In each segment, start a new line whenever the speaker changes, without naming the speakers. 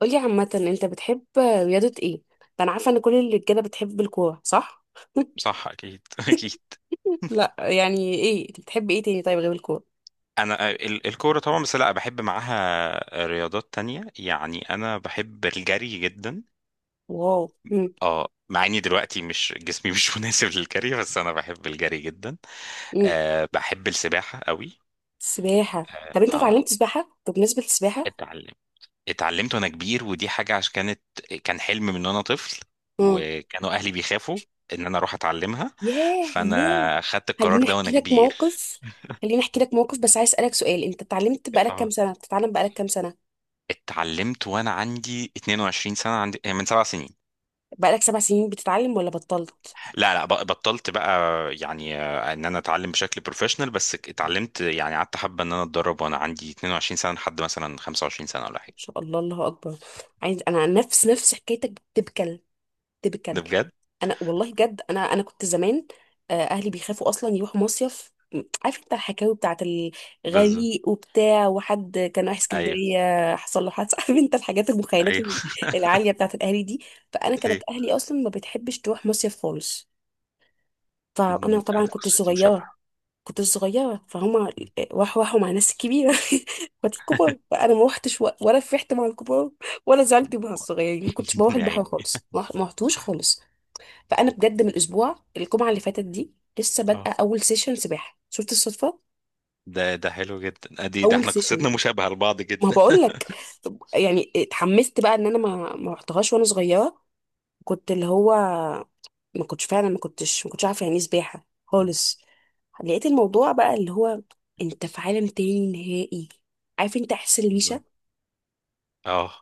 قولي عامة انت بتحب رياضة ايه؟ انا عارفة ان كل الرجالة بتحب الكورة صح؟
صح اكيد اكيد.
لا، يعني ايه انت بتحب ايه تاني طيب غير الكورة؟
انا الكوره طبعا، بس لا، بحب معاها رياضات تانية. يعني انا بحب الجري جدا.
واو. مم.
اه، مع اني دلوقتي مش جسمي مش مناسب للجري، بس انا بحب الجري جدا.
مم.
أه، بحب السباحه قوي.
سباحة.
اه
طب انت
آه،
اتعلمت سباحة؟ بمناسبة السباحة؟
اتعلم اتعلمت وانا كبير، ودي حاجه عشان كان حلم من وانا طفل،
مم.
وكانوا اهلي بيخافوا ان انا اروح اتعلمها.
ياه ياه.
فانا خدت القرار
خليني
ده وانا
احكي لك
كبير.
موقف. خليني احكي لك موقف بس عايز اسألك سؤال، انت اتعلمت بقالك كام سنة؟ بتتعلم بقالك كام سنة؟
اتعلمت وانا عندي 22 سنه، عندي آه، من 7 سنين.
بقالك سبع سنين بتتعلم ولا بطلت؟
لا لا، بطلت بقى. يعني ان انا اتعلم بشكل بروفيشنال، بس اتعلمت. يعني قعدت حبه ان انا اتدرب وانا عندي 22 سنه لحد مثلا 25 سنه ولا
ما
حاجه.
شاء الله، الله اكبر. عايز انا نفس نفس حكايتك بتبكى
ده
بكلب.
بجد.
انا والله بجد انا كنت زمان. اهلي بيخافوا اصلا يروحوا مصيف، م- عارف انت الحكاوي بتاعت
بالظبط.
الغريق وبتاع وحد كان رايح
ايوه
اسكندريه حصل له حادثه عارف انت الحاجات المخيلات
ايوه
العاليه بتاعت الاهالي دي. فانا كانت
ايوه.
اهلي اصلا ما بتحبش تروح مصيف خالص. فانا
انا
طبعا كنت
قصتي
صغيره.
مشابهه.
كنت صغيره فهما راحوا مع ناس كبيره اخواتي الكبار، فانا ما روحتش، و- ولا فرحت مع الكبار ولا زعلت مع الصغيرين، ما كنتش بروح
يا
البحر
عيني.
خالص، ما رحتوش خالص. فانا بجد من الاسبوع الجمعه اللي فاتت دي لسه بادئه
اه،
اول سيشن سباحه، شفت الصدفه؟
ده حلو جدا. ادي ده
اول
احنا
سيشن.
قصتنا مشابهه لبعض
ما
جدا.
بقول لك، يعني اتحمست بقى ان انا ما رحتهاش وانا صغيره. كنت اللي هو، ما كنتش فعلا، ما كنتش عارفه يعني ايه سباحه خالص. لقيت الموضوع بقى اللي هو، انت في عالم تاني نهائي. عارف انت، احس
بالظبط.
الريشه،
اه.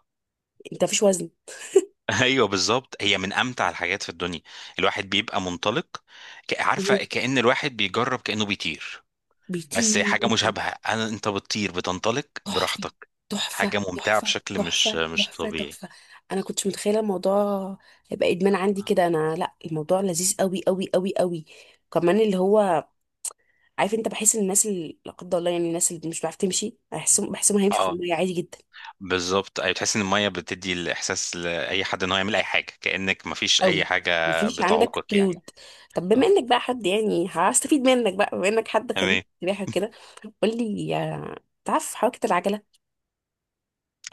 انت مفيش وزن.
ايوه، بالظبط، هي من امتع الحاجات في الدنيا. الواحد بيبقى منطلق،
مهم.
عارفه كأن الواحد بيجرب، كأنه بيطير. بس
بيطير.
حاجه مشابهه، انا انت بتطير، بتنطلق
تحفة
براحتك. حاجه
تحفة
ممتعه
تحفة
بشكل
تحفة
مش
تحفة
طبيعي.
تحفة. انا كنتش متخيلة الموضوع هيبقى ادمان عندي كده، انا لا الموضوع لذيذ قوي قوي قوي قوي. كمان اللي هو عارف انت، بحس ان الناس اللي لا قدر الله يعني الناس اللي مش بتعرف تمشي بحسهم، بحسهم هيمشوا في
اه
المية عادي جدا.
بالظبط. ايوه، تحس ان الميه بتدي الاحساس لاي حد ان هو يعمل اي حاجه، كأنك مفيش اي
قوي.
حاجه
مفيش عندك
بتعوقك يعني.
قيود. طب بما
اه،
انك بقى حد يعني هستفيد منك بقى، بما انك حد خبير
تمام.
سباحة كده، قول لي، تعرف حركة العجلة؟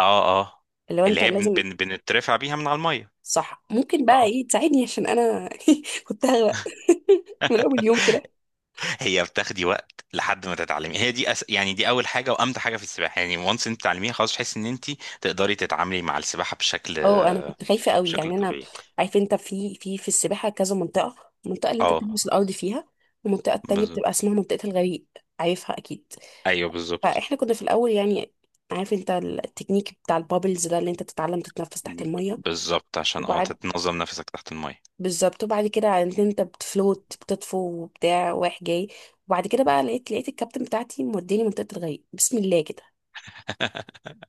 اه اه.
اللي هو
اللي
انت
هي بن
لازم.
بن بنترفع بيها من على الميه.
صح، ممكن بقى
اه،
ايه تساعدني عشان انا كنت هغرق من اول يوم كده.
هي بتاخدي وقت لحد ما تتعلمي. هي دي يعني دي اول حاجه وامتع حاجه في السباحه، يعني وانس انت تتعلميها خلاص، تحس ان انت تقدري تتعاملي مع السباحه بشكل
اه، انا كنت خايفه قوي يعني انا.
طبيعي.
عارف انت في السباحه كذا منطقه، المنطقه اللي انت
اه
بتلبس الارض فيها والمنطقه التانية
بالظبط.
بتبقى اسمها منطقه الغريق. عارفها اكيد.
ايوه، بالظبط
فاحنا كنا في الاول يعني عارف انت التكنيك بتاع البابلز ده اللي انت تتعلم تتنفس تحت الميه؟
بالظبط، عشان
وبعد،
تتنظم نفسك تحت الميه.
بالظبط، وبعد كده عرفت انت بتفلوت، بتطفو وبتاع رايح جاي. وبعد كده بقى لقيت الكابتن بتاعتي موديني منطقه الغريق بسم الله كده،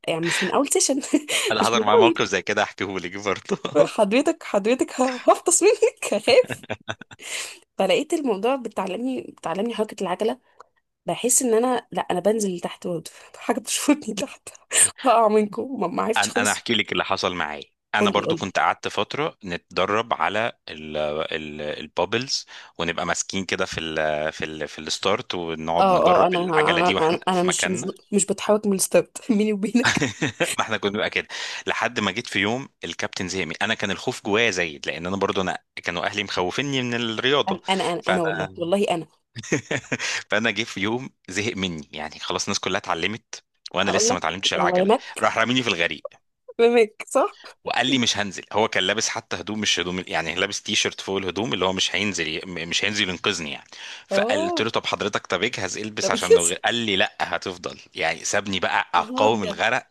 يعني مش من اول سيشن
انا
مش
حضر
من
معايا موقف
اول.
زي كده احكيه لك برضه
حضرتك ه- هفطس منك، هخاف. فلقيت الموضوع بتعلمني حركة العجلة. بحس ان انا لا انا بنزل لتحت برضه حاجة بتشفطني تحت هقع منكم، ما عرفتش
انا
خالص.
احكي لك اللي حصل معايا. انا
قولي
برضو
قولي.
كنت قعدت فتره نتدرب على ال البابلز، ونبقى ماسكين كده في الستارت،
اه
ونقعد
اه.
نجرب
انا
العجله دي واحنا
انا انا
في
مش مش
مكاننا.
مش بتحرك من الستارت بيني وبينك.
ما احنا كنا بنبقى كده لحد ما جيت في يوم الكابتن زهق مني. انا كان الخوف جوايا زايد لان انا برضو كانوا اهلي مخوفيني من الرياضه.
انا والله
فانا
والله انا
فانا جه في يوم زهق مني، يعني خلاص الناس كلها اتعلمت وانا
هقول
لسه ما
لك،
اتعلمتش
هو
العجله.
رماك؟
راح راميني في الغريق،
رماك صح؟
وقال لي مش هنزل. هو كان لابس حتى هدوم، مش هدوم، يعني لابس تي شيرت فوق الهدوم، اللي هو مش هينزل، ينقذني يعني. فقلت
اه،
له طب حضرتك، طب اجهز،
ده
البس عشان
بجد.
لو غير. قال لي لا هتفضل، يعني سابني بقى
والله
اقاوم
ابيض.
الغرق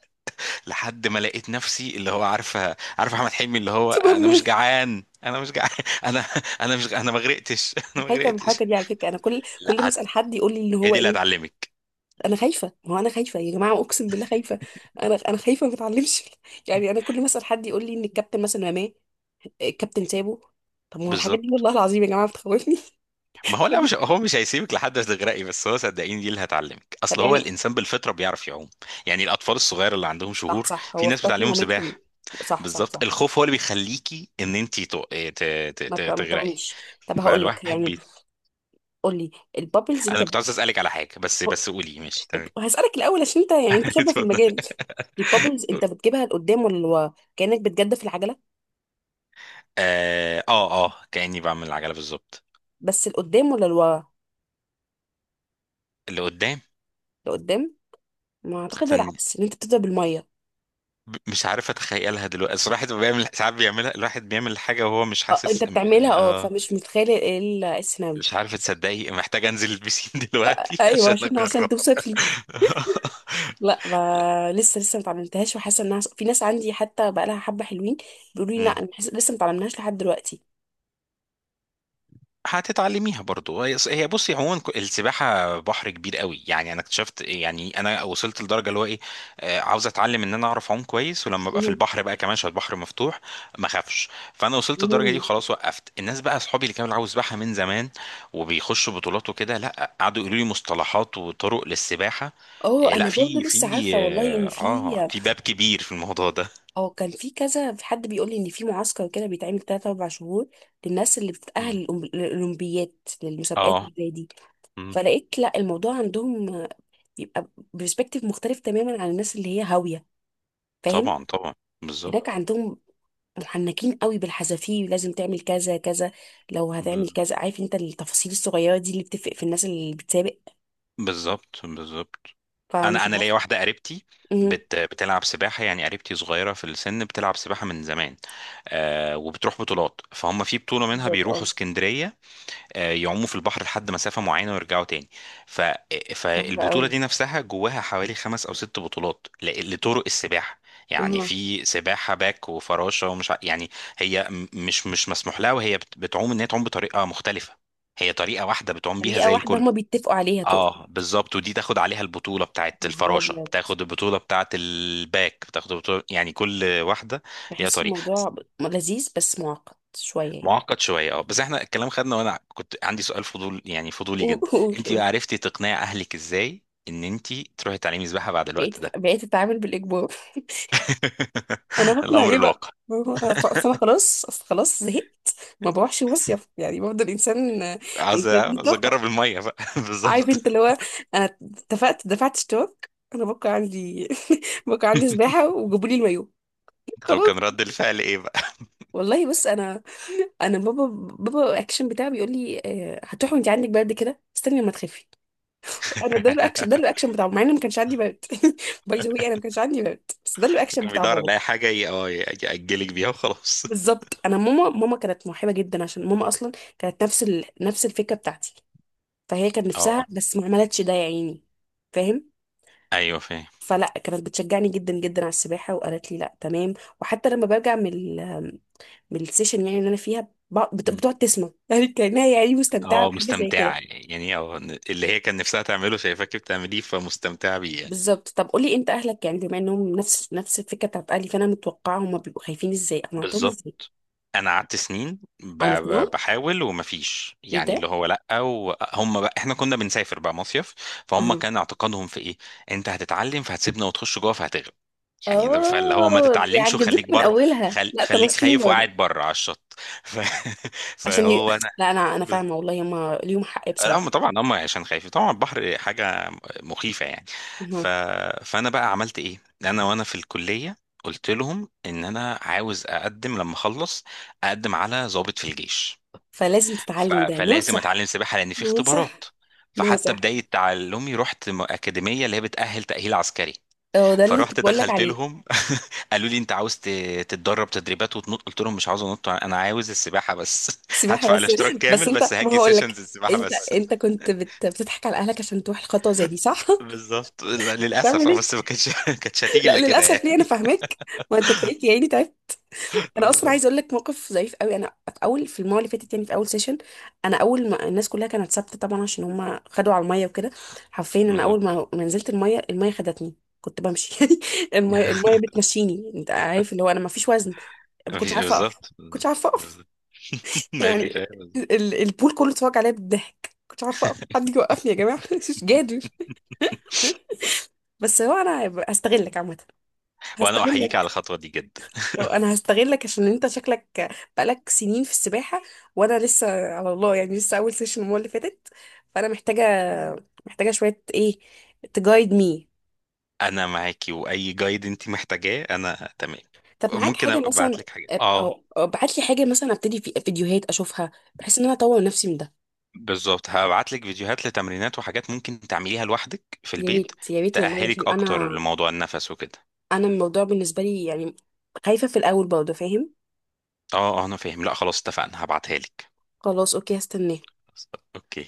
لحد ما لقيت نفسي، اللي هو عارفه، عارف احمد حلمي، اللي هو انا
سوبرمان.
مش جعان، انا مش جعان انا انا ما غرقتش انا ما
خايفه من
غرقتش.
الحركه دي على فكره، انا كل كل ما
لا هت-
اسال حد يقول لي اللي
هي
هو
دي اللي
ايه.
هتعلمك.
انا خايفه، ما هو انا خايفه يا جماعه، اقسم بالله خايفه. انا خايفه ما اتعلمش يعني انا كل ما اسال حد يقول لي ان الكابتن مثلا رماه، الكابتن سابه. طب ما هو الحاجات دي
بالظبط.
والله العظيم يا جماعه بتخوفني
ما هو لا،
الحاجات.
مش هو مش هيسيبك لحد تغرقي، بس هو صدقيني دي اللي هتعلمك.
طب
اصل هو
يعني،
الانسان بالفطره بيعرف يعوم. يعني الاطفال الصغير اللي عندهم
صح
شهور
صح،
في
هو في
ناس
بطن
بتعلمهم
مامتهم.
سباحه.
صح صح
بالظبط،
صح.
الخوف هو اللي بيخليكي ان انت
ما بتع- ما
تغرقي.
تعوميش. طب هقول لك
فالواحد
يعني،
بي...
قول لي، البابلز انت
انا
ب...
كنت عايز اسالك على حاجه، بس قولي ماشي تمام.
هسالك الاول عشان انت يعني انت خبره في
اتفضل.
المجال. البابلز انت بتجيبها لقدام ولا لورا، كانك بتجدف العجله؟
اه اه، كاني بعمل العجله بالظبط.
بس لقدام ولا لورا؟
اللي قدام.
لقدام. ما اعتقد
استني.
العكس، ان انت بتبدا بالميه.
مش عارف اتخيلها دلوقتي الصراحه. الواحد بيعمل ساعات بيعملها، الواحد بيعمل حاجه وهو مش
اه، انت
حاسس.
بتعملها، اه،
اه،
فمش متخيله ايه ال- السيناريو.
مش عارف تصدقي، محتاج انزل البسين دلوقتي
ايوه
عشان
عشان عشان
اجرب
توصف لي. لا ما لسه، لسه ما اتعلمتهاش، وحاسه انها في ناس عندي حتى بقى لها حبه حلوين بيقولوا لي لا،
مم.
انا حاسة- لسه ما اتعلمناهاش لحد دلوقتي.
هتتعلميها برضو. هي بصي عموما، السباحه بحر كبير قوي. يعني انا اكتشفت إيه، يعني انا وصلت لدرجه اللي هو ايه، عاوز اتعلم ان انا اعرف اعوم كويس، ولما ابقى في
مهم.
البحر بقى كمان عشان البحر مفتوح، ما اخافش. فانا وصلت للدرجه دي
مهم.
وخلاص وقفت. الناس بقى اصحابي اللي كانوا عاوز سباحه من زمان وبيخشوا بطولات وكده، لا قعدوا يقولوا لي مصطلحات وطرق للسباحه.
اه
إيه، لا،
انا برضه لسه
في
عارفه والله ان
اه،
في،
في باب كبير في الموضوع ده.
اه، كان في كذا، في حد بيقول لي ان في معسكر كده بيتعمل 3 4 شهور للناس اللي
مم.
بتتاهل للأولمب- للاولمبيات، للمسابقات
اه.
اللي زي دي.
مم.
فلقيت لا الموضوع عندهم بيبقى برسبكتيف مختلف تماما عن الناس اللي هي هاوية، فاهم؟
طبعا طبعا.
هناك
بالظبط.
عندهم محنكين قوي بالحذافير، لازم تعمل كذا كذا، لو هتعمل
بال-
كذا، عارف انت التفاصيل الصغيرة دي اللي بتفرق في الناس اللي بتسابق.
بالظبط بالظبط. انا
فمش
انا ليا
عارفة.
واحده قريبتي
امم.
بتلعب سباحه. يعني قريبتي صغيره في السن بتلعب سباحه من زمان، وبتروح بطولات، فهم في بطوله منها
بالظبط،
بيروحوا
اه.
اسكندريه. يعوموا في البحر لحد مسافة معينة ويرجعوا تاني. ف...
صعبة
فالبطولة
قوي.
دي نفسها جواها حوالي 5 أو 6 بطولات لطرق السباحة. يعني
اها.
في سباحة باك وفراشة، ومش يعني هي مش مسموح لها وهي بتعوم إن هي تعوم بطريقة مختلفة. هي طريقة واحدة بتعوم بيها
طريقة
زي
واحدة
الكل.
هما بيتفقوا عليها تقصد؟
اه بالظبط، ودي تاخد عليها البطولة بتاعت
يا نهار
الفراشة،
أبيض،
بتاخد البطولة بتاعت الباك، بتاخد البطولة، يعني كل واحدة ليها
بحس
طريقة.
الموضوع ب- لذيذ بس معقد شوية يعني.
معقد شويه، اه، بس احنا الكلام خدنا. وانا كنت عندي سؤال فضول، يعني فضولي
قول
جدا،
قول
انت بقى
قول.
عرفتي تقنعي اهلك ازاي ان انت تروحي تعلمي سباحه بعد الوقت ده؟
بقيت أتعامل بالإجبار. انا هقنع
الامر
ايه بقى،
الواقع.
ما هو- أصل أصل انا خلاص، اصل خلاص زهقت. ما بروحش مصيف، يعني برضه الانسان، الانسان ليه
عايز اجرب
طاقه.
الميه بقى
عارف
بالظبط.
انت اللي هو، انا اتفقت، دفعت اشتراك، انا بكره عندي بكره عندي سباحه وجابوا لي المايو،
طب
خلاص.
كان رد الفعل ايه بقى؟
والله بص، انا، انا بابا، بابا الاكشن بتاعه بيقول لي هتروحي وانت عندك برد كده، استني لما تخفي. انا ده الاكشن، ده الاكشن بتاعه مع ان ما كانش عندي برد باي ذا واي انا ما كانش عندي برد، بس ده الاكشن
كان
بتاع
بيدور
بابا.
على اي حاجه ياجلك بيها وخلاص.
بالظبط. انا ماما، ماما كانت موهبه جدا عشان ماما اصلا كانت نفس ال... نفس الفكره بتاعتي، فهي كان
اه
نفسها بس ما عملتش ده يا عيني، فاهم؟
ايوه فاهم.
فلا كانت بتشجعني جدا جدا على السباحه، وقالت لي لا تمام. وحتى لما برجع من ال... من السيشن يعني اللي انا فيها، ب... بت...
مم.
بتقعد تسمع يعني كانها يعني مستمتعه
اه،
بحاجه زي
مستمتعه
كده.
يعني اللي هي كان نفسها تعمله، شايفاكي بتعمليه فمستمتعه بيه يعني.
بالظبط. طب قولي انت، اهلك يعني بما انهم نفس نفس الفكره بتاعت اهلي، فانا متوقعه هم بيبقوا خايفين، ازاي اقنعتهم
بالظبط.
ازاي؟
انا قعدت سنين
انا مقنعه،
بحاول ومفيش،
ايه
يعني اللي
ده؟
هو لا. وهم بقى، احنا كنا بنسافر بقى مصيف، فهم كان اعتقادهم في ايه؟ انت هتتعلم فهتسيبنا وتخش جوه فهتغرق. يعني ده، فاللي هو ما
اه،
تتعلمش وخليك
بيعجزوك من
بر،
اولها، لا
خليك
تنصحين
خايف
برضه؟
وقاعد بره على الشط. ف...
عشان ي...
فهو انا.
لا انا انا فاهمه والله، هما ليهم حق
لا، هم
بصراحه.
طبعا هم عشان خايفين، طبعا البحر حاجه مخيفه يعني. ف...
أها.
فانا بقى عملت ايه؟ انا وانا في الكليه قلت لهم ان انا عاوز اقدم لما اخلص، اقدم على ضابط في الجيش،
فلازم تتعلم، ده
فلازم اتعلم
ناصح.
سباحه لان في اختبارات.
ناصح.
فحتى
ناصح.
بدايه تعلمي رحت اكاديميه اللي هي بتاهل تاهيل عسكري.
هو ده اللي أنا
فرحت
كنت بقول لك
دخلت
عليه.
لهم قالوا لي انت عاوز تتدرب تدريبات وتنط؟ قلت لهم مش عاوز انط، انا عاوز السباحه بس
سباحه
هدفع
بس.
الاشتراك
بس
كامل
انت،
بس
ما
هاجي
هقول لك،
سيشنز السباحه
انت
بس.
انت كنت بت... بتضحك على اهلك عشان تروح الخطوه زي دي صح؟
بالظبط. لا، للاسف،
تعمل ايه؟
بس ما كانتش ما كانتش هتيجي
لا
الا كده
للاسف، ليه؟ انا
يعني.
فاهمك، ما انت تلاقيك يعني تعبت. انا اصلا
بالظبط
عايزه اقول لك موقف ظريف قوي. انا في اول، في المره اللي فاتت يعني في اول سيشن، انا اول ما الناس كلها كانت ثابته طبعا عشان هم خدوا على الميه وكده، حرفيا انا
بالظبط.
اول ما نزلت الميه، الميه خدتني. كنت بمشي يعني الميه، الميه بتمشيني، انت عارف اللي هو انا ما فيش وزن. ما كنتش
مفيش،
عارفه اقف، ما
بالظبط
كنتش
بالظبط
عارفه اقف
بالظبط. مفيش،
يعني.
أيوة، بالظبط.
ال- البول كله اتفرج عليا بالضحك، ما كنتش عارفه اقف، حد يجي يوقفني يا جماعه مش قادر. بس هو انا هستغلك عامه،
وانا احييك على
هستغلك.
الخطوه دي جدا.
انا هستغلك عشان انت شكلك بقالك سنين في السباحه، وانا لسه، على الله يعني لسه اول سيشن المره اللي فاتت، فانا محتاجه، محتاجه شويه ايه، تجايد مي.
انا معاكي واي جايد انت محتاجاه انا تمام.
طب معاك
ممكن
حاجه
ابقى
مثلا،
ابعت لك حاجات. اه
او ابعت لي حاجه مثلا، ابتدي في فيديوهات اشوفها بحيث ان انا اطور نفسي من ده.
بالظبط، هبعت لك فيديوهات لتمرينات وحاجات ممكن تعمليها لوحدك في
يا
البيت،
ريت يا ريت والله، عشان
تأهلك اكتر
انا،
لموضوع النفس وكده.
انا الموضوع بالنسبه لي يعني خايفه في الاول برضه، فاهم؟
اه اه، انا فاهم. لا خلاص، اتفقنا، هبعتها لك.
خلاص، اوكي، هستناه.
اوكي.